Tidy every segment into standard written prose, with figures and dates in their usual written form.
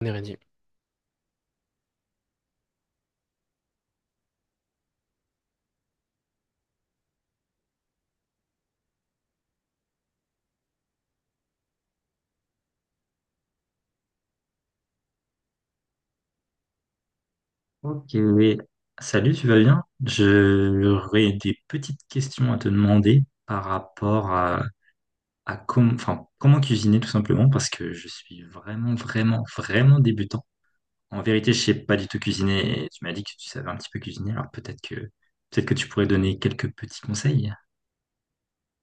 Neredi. Ok, salut, tu vas bien? J'aurais des petites questions à te demander par rapport à, comment cuisiner tout simplement parce que je suis vraiment, vraiment, vraiment débutant. En vérité, je sais pas du tout cuisiner et tu m'as dit que tu savais un petit peu cuisiner, alors peut-être que tu pourrais donner quelques petits conseils.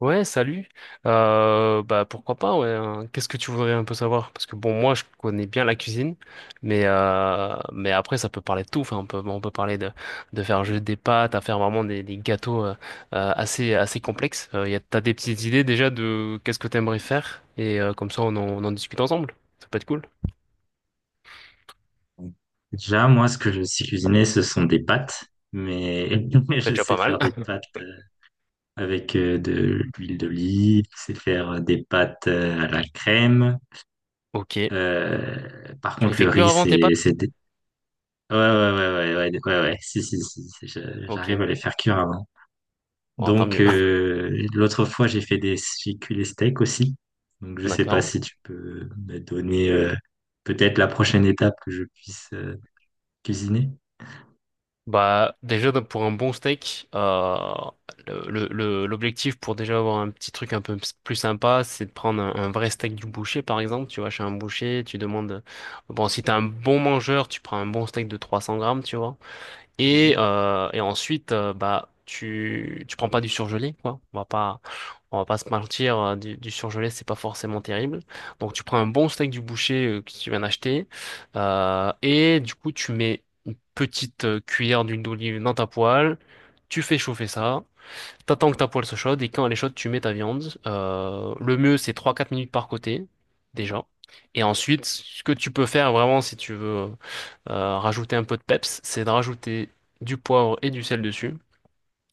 Ouais, salut. Bah pourquoi pas, ouais, hein. Qu'est-ce que tu voudrais un peu savoir? Parce que bon, moi je connais bien la cuisine, mais après ça peut parler de tout. Enfin, on peut parler de faire juste des pâtes, à faire vraiment des gâteaux assez complexes. T'as des petites idées déjà de qu'est-ce que t'aimerais faire et comme ça on en discute ensemble. Ça peut être cool. Déjà, moi, ce que je sais cuisiner, ce sont des pâtes, mais mais C'est je déjà sais pas faire mal. des pâtes avec de l'huile d'olive, je sais faire des pâtes à la crème. Ok. Par Tu les contre, fais le cuire riz, avant tes c'est pâtes? dé- ouais, ouais, ouais, ouais, ouais, ouais, ouais, ouais. Si, si, si, si, j'arrive Ok. à les faire cuire avant. Bon, tant Donc, mieux. L'autre fois, j'ai cuit les steaks aussi. Donc, je sais pas D'accord. si tu peux me donner, peut-être la prochaine étape que je puisse, cuisiner. Bah déjà donc, pour un bon steak, l'objectif pour déjà avoir un petit truc plus sympa, c'est de prendre un vrai steak du boucher par exemple. Tu vas chez un boucher, tu demandes. Bon, si t'es un bon mangeur, tu prends un bon steak de 300 grammes, tu vois. Et ensuite, bah, tu prends pas du surgelé, quoi. On va pas se mentir, du surgelé, c'est pas forcément terrible. Donc, tu prends un bon steak du boucher que tu viens d'acheter, et du coup, tu mets une petite cuillère d'huile d'olive dans ta poêle, tu fais chauffer ça, t'attends que ta poêle se chaude, et quand elle est chaude, tu mets ta viande. Le mieux, c'est trois quatre minutes par côté, déjà. Et ensuite, ce que tu peux faire vraiment si tu veux rajouter un peu de peps, c'est de rajouter du poivre et du sel dessus.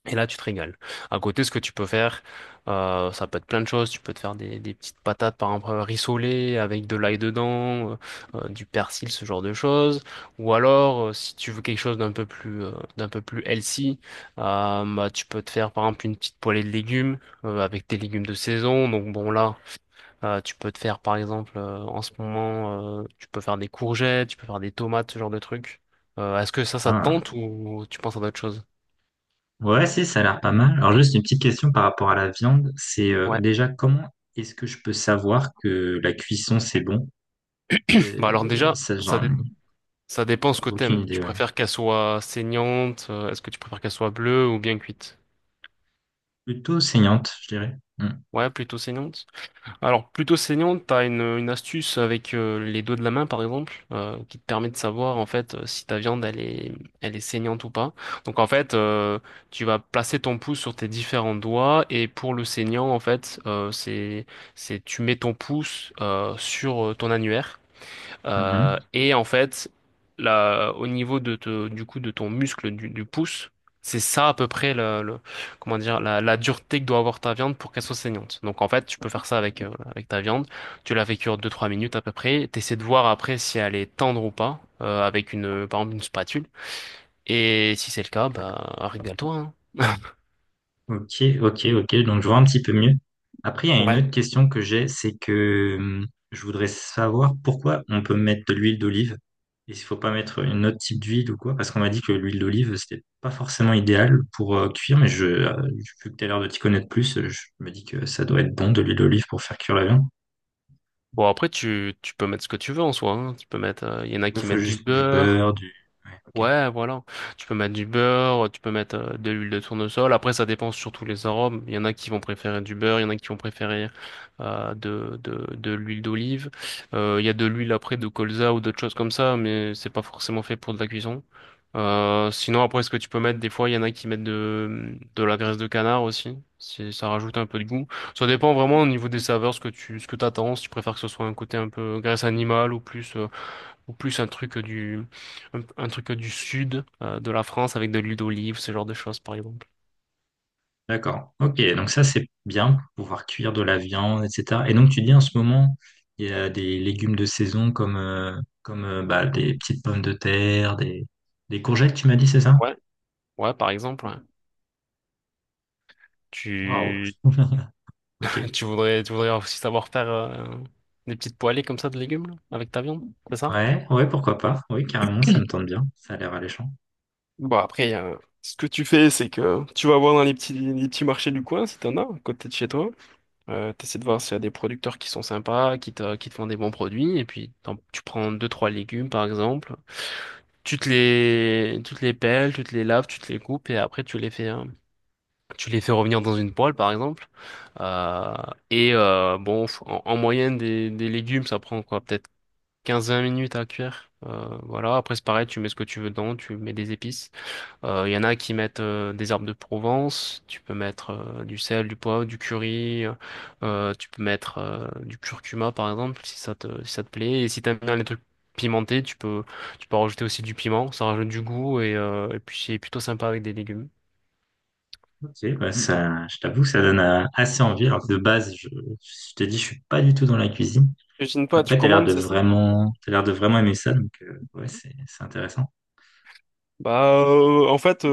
Et là, tu te régales. À côté, ce que tu peux faire, ça peut être plein de choses. Tu peux te faire des petites patates, par exemple, rissolées avec de l'ail dedans, du persil, ce genre de choses. Ou alors, si tu veux quelque chose d'un peu plus healthy, bah, tu peux te faire, par exemple, une petite poêlée de légumes avec tes légumes de saison. Donc bon, là. Tu peux te faire, par exemple, en ce moment, tu peux faire des courgettes, tu peux faire des tomates, ce genre de trucs. Est-ce que ça te Ah. tente ou tu penses à d'autres choses? Ouais, si, ça a l'air pas mal. Alors, juste une petite question par rapport à la viande. C'est, Ouais. déjà, comment est-ce que je peux savoir que la cuisson, c'est bon? Bah alors déjà, Ça, j'en ai ça dépend ce que aucune t'aimes. idée. Tu Ouais. préfères qu'elle soit saignante? Est-ce que tu préfères qu'elle soit bleue ou bien cuite? Plutôt saignante, je dirais. Mm. Ouais, plutôt saignante. Alors, plutôt saignante, t'as une astuce avec les dos de la main, par exemple, qui te permet de savoir, en fait, si ta viande, elle est saignante ou pas. Donc, en fait, tu vas placer ton pouce sur tes différents doigts, et pour le saignant, en fait, tu mets ton pouce sur ton annulaire. Mhm. Et en fait, là, au niveau de te- du coup de ton muscle du pouce, c'est ça à peu près comment dire la dureté que doit avoir ta viande pour qu'elle soit saignante. Donc en fait, tu peux faire ça avec voilà, avec ta viande. Tu la fais cuire deux trois minutes à peu près. T'essaies de voir après si elle est tendre ou pas avec une par exemple une spatule. Et si c'est le cas, bah régale-toi, hein. Ok, ok, ok. Donc, je vois un petit peu mieux. Après, il y a une Ouais. autre question que j'ai, c'est que je voudrais savoir pourquoi on peut mettre de l'huile d'olive et s'il faut pas mettre une autre type d'huile ou quoi, parce qu'on m'a dit que l'huile d'olive, c'était pas forcément idéal pour cuire, mais je, vu que tu as l'air de t'y connaître plus, je me dis que ça doit être bon de l'huile d'olive pour faire cuire la viande. Bon après tu peux mettre ce que tu veux en soi, hein. Tu peux mettre, il y en a Il qui faut mettent du juste du beurre. beurre, du... Ouais, ok. Ouais, voilà. Tu peux mettre du beurre, tu peux mettre de l'huile de tournesol. Après, ça dépend surtout les arômes. Il y en a qui vont préférer du beurre, il y en a qui vont préférer de l'huile d'olive. Il y a de l'huile après de colza ou d'autres choses comme ça, mais c'est pas forcément fait pour de la cuisson. Sinon, après, ce que tu peux mettre, des fois, il y en a qui mettent de la graisse de canard aussi, si ça rajoute un peu de goût. Ça dépend vraiment au niveau des saveurs, ce que tu, ce que t'attends, si tu préfères que ce soit un côté un peu graisse animale ou plus un truc du sud de la France avec de l'huile d'olive, ce genre de choses, par exemple. D'accord. Ok, donc ça c'est bien pour pouvoir cuire de la viande, etc. Et donc tu dis en ce moment, il y a des légumes de saison comme, comme bah, des petites pommes de terre, des courgettes, tu m'as dit, c'est ça? Ouais. Ouais, par exemple, ouais. Waouh. Tu, Ok. Tu voudrais aussi savoir faire des petites poêlées comme ça de légumes là, avec ta viande, c'est ça? Ouais, ouais, pourquoi pas. Oui, carrément, ça me tente bien. Ça a l'air alléchant. Bon, après, il Ce que tu fais, c'est que tu vas voir dans les petits marchés du coin, si t'en as, à côté de chez toi. T'essaies de voir s'il y a des producteurs qui sont sympas, qui te font des bons produits, et puis tu prends deux, trois légumes par exemple, tu te les pelles, tu te les laves, tu te les coupes, et après tu les fais, hein, tu les fais revenir dans une poêle par exemple. Euh, bon, en moyenne des légumes, ça prend quoi, peut-être 15 20 minutes à cuire. Voilà, après c'est pareil, tu mets ce que tu veux dedans, tu mets des épices. Il y en a qui mettent des herbes de Provence, tu peux mettre du sel, du poivre, du curry, tu peux mettre du curcuma par exemple si ça te plaît. Et si t'aimes bien les trucs pimentés, tu peux rajouter aussi du piment, ça rajoute du goût et puis c'est plutôt sympa avec des légumes. Ok, bah, ça, je t'avoue, ça donne assez envie. Alors que de base, je t'ai dit, je suis pas du tout dans la cuisine. Cuisine pas, tu Après, t'as l'air commandes, de c'est ça? vraiment, t'as l'air de vraiment aimer ça, donc ouais, c'est intéressant. Bah, en fait,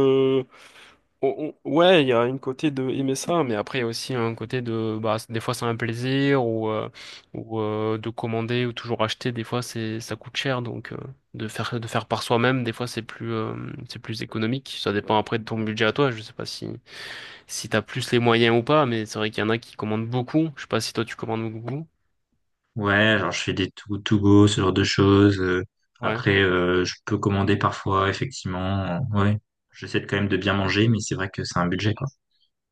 Ouais, il y a une côté de aimer ça, mais après il y a aussi un côté de bah des fois c'est un plaisir ou de commander ou toujours acheter, des fois c'est ça coûte cher donc de faire par soi-même, des fois c'est plus économique, ça dépend après de ton budget à toi, je sais pas si si t'as plus les moyens ou pas, mais c'est vrai qu'il y en a qui commandent beaucoup, je sais pas si toi tu commandes beaucoup. Ouais, genre je fais des to go, ce genre de choses. Ouais. Après, je peux commander parfois, effectivement. Ouais, quand même de bien manger, mais c'est vrai que c'est un budget, quoi.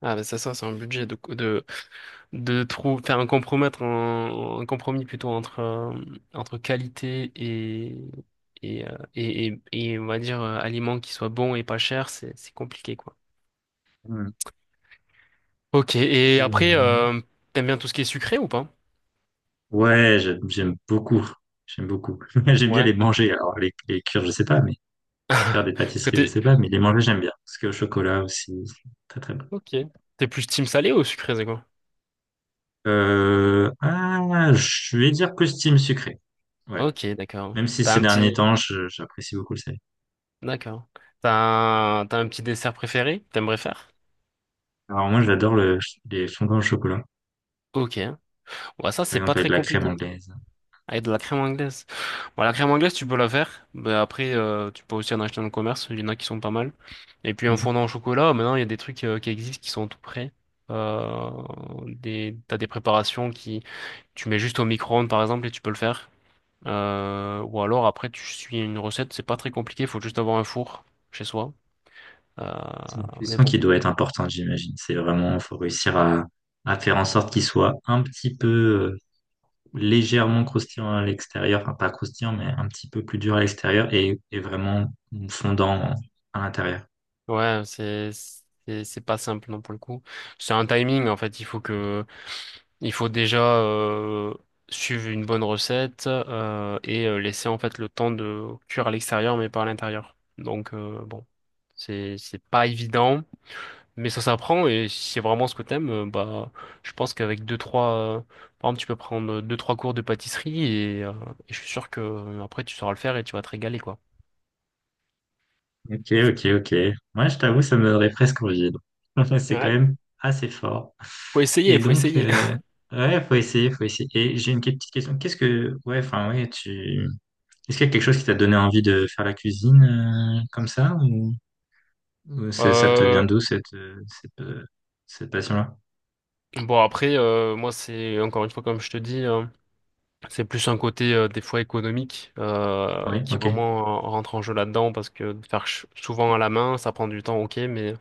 Ah bah ça ça c'est un budget de trouver, faire un compromettre un compromis plutôt entre entre qualité et, euh, et et et on va dire aliments qui soient bons et pas chers, c'est compliqué quoi. Mm. Ok, et après, Mm. T'aimes bien tout ce qui est sucré ou pas? Ouais, j'aime beaucoup. J'aime beaucoup. J'aime bien les Ouais. manger. Alors les cuire, je sais pas, mais faire des Parce que pâtisseries, je t'es sais pas, mais les manger, j'aime bien. Parce que au chocolat aussi, c'est très très bon. ok, t'es plus team salé ou sucré, c'est quoi? Ah, je vais dire costume sucré. Ouais. Ok, d'accord. Même si T'as ces un derniers petit temps, j'apprécie beaucoup le salé. D'accord. T'as t'as un petit dessert préféré? Que t'aimerais faire? Alors moi, les fondants au chocolat. Ok. Ouais, ça Par c'est pas exemple, avec très de la crème compliqué. anglaise. Avec de la crème anglaise. Bon, la crème anglaise, tu peux la faire. Mais après, tu peux aussi en acheter dans le commerce. Il y en a qui sont pas mal. Et puis, en Mhm. fondant au chocolat, maintenant, il y a des trucs qui existent qui sont tout prêts. Euh, T'as des préparations qui, tu mets juste au micro-ondes, par exemple, et tu peux le faire. Ou alors, après, tu suis une recette. C'est pas très compliqué. Il faut juste avoir un four chez soi. Euh, C'est une mais cuisson bon. qui doit être importante, j'imagine. C'est vraiment, faut réussir à faire en sorte qu'il soit un petit peu euh, légèrement croustillant à l'extérieur, enfin pas croustillant, mais un petit peu plus dur à l'extérieur et vraiment fondant à l'intérieur. Ouais, c'est, c'est pas simple, non, pour le coup. C'est un timing, en fait. Il faut déjà suivre une bonne recette et laisser en fait le temps de cuire à l'extérieur mais pas à l'intérieur. Donc bon, c'est pas évident, mais ça s'apprend et si c'est vraiment ce que t'aimes, bah je pense qu'avec euh, par exemple tu peux prendre deux trois cours de pâtisserie et je suis sûr que après tu sauras le faire et tu vas te régaler quoi. Ok, ok, ok. Moi, je t'avoue, ça me donnerait presque envie. Donc. C'est quand Ouais. même assez fort. Faut essayer, Et faut donc, essayer. Ouais, faut essayer, faut essayer. Et j'ai une petite question. Qu'est-ce que, ouais, enfin, ouais, tu Est-ce qu'il y a quelque chose qui t'a donné envie de faire la cuisine comme ça ou, ça te Euh, vient d'où cette cette passion-là? bon après moi c'est encore une fois comme je te dis, hein. C'est plus un côté des fois économique Oui, qui ok. vraiment rentre en jeu là-dedans parce que de faire souvent à la main, ça prend du temps, ok,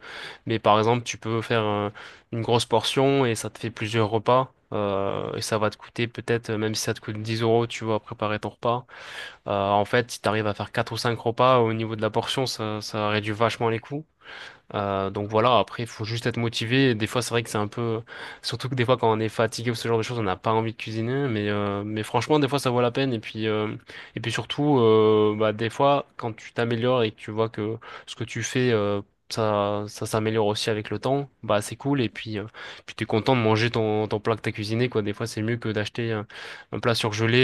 mais par exemple tu peux faire une grosse portion et ça te fait plusieurs repas et ça va te coûter peut-être même si ça te coûte 10 euros, tu vois, préparer ton repas. Euh, en fait, si tu arrives à faire 4 ou 5 repas au niveau de la portion, ça réduit vachement les coûts donc voilà, après, il faut juste être motivé. Et des fois, c'est vrai que c'est un peu... Surtout que des fois, quand on est fatigué ou ce genre de choses, on n'a pas envie de cuisiner. Mais franchement, des fois, ça vaut la peine. Et puis surtout, bah, des fois, quand tu t'améliores et que tu vois que ce que tu fais, ça, ça s'améliore aussi avec le temps, bah, c'est cool. Et puis, puis tu es content de manger ton plat que tu as cuisiné, quoi. Des fois, c'est mieux que d'acheter un plat surgelé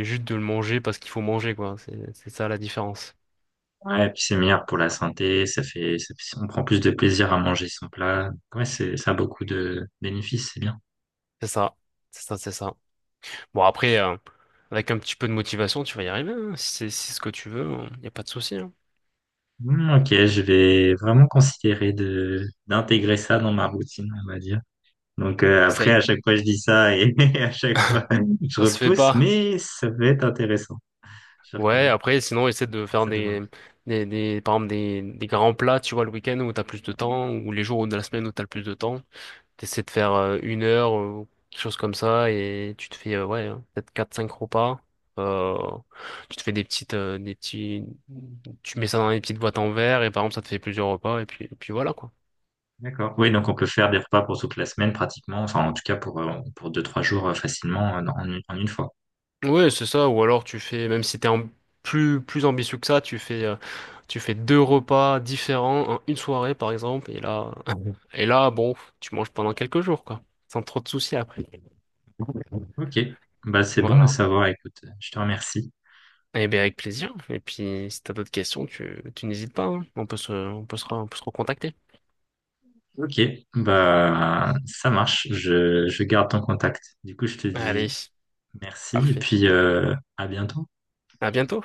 et juste de le manger parce qu'il faut manger, quoi. C'est ça la différence. Ouais, et puis c'est meilleur pour la santé, ça fait, ça on prend plus de plaisir à manger son plat. Ouais, c'est, ça a beaucoup de bénéfices, c'est bien. C'est ça. C'est ça, c'est ça. Bon, après... avec un petit peu de motivation, tu vas y arriver, hein. Si c'est si c'est ce que tu veux, il n'y a pas de souci, hein. Hmm, ok, je vais vraiment considérer de d'intégrer ça dans ma routine, on va dire. Donc après, Essaye. à chaque fois, je dis ça et à chaque fois, je Ça se fait repousse, pas. mais ça peut être intéressant. Je Ouais, reconnais, après, sinon, essaie de faire ça donne par exemple, des grands plats, tu vois, le week-end où t'as plus de temps, ou les jours de la semaine où t'as le plus de temps. T'essaies de faire une heure, ou quelque chose comme ça, et tu te fais, ouais, hein, peut-être 4 5 repas. Euh, tu te fais des petites, des petits, Tu mets ça dans des petites boîtes en verre, et par exemple, ça te fait plusieurs repas, et puis voilà, quoi. D'accord. Oui, donc on peut faire des repas pour toute la semaine pratiquement, enfin en tout cas pour deux, trois jours facilement une en une fois. Ouais, c'est ça. Ou alors tu fais, même si plus ambitieux que ça, tu fais deux repas différents en une soirée par exemple. Et là, et là, bon, tu manges pendant quelques jours quoi, sans trop de soucis après. Ok. Bah, c'est bon à Voilà. savoir, écoute, je te remercie. Eh bien avec plaisir. Et puis si t'as d'autres questions, tu n'hésites pas, hein. On peut se on peut se recontacter. Ok, bah ça marche, je garde ton contact. Du coup, je te dis Allez, merci et parfait. puis à bientôt. À bientôt.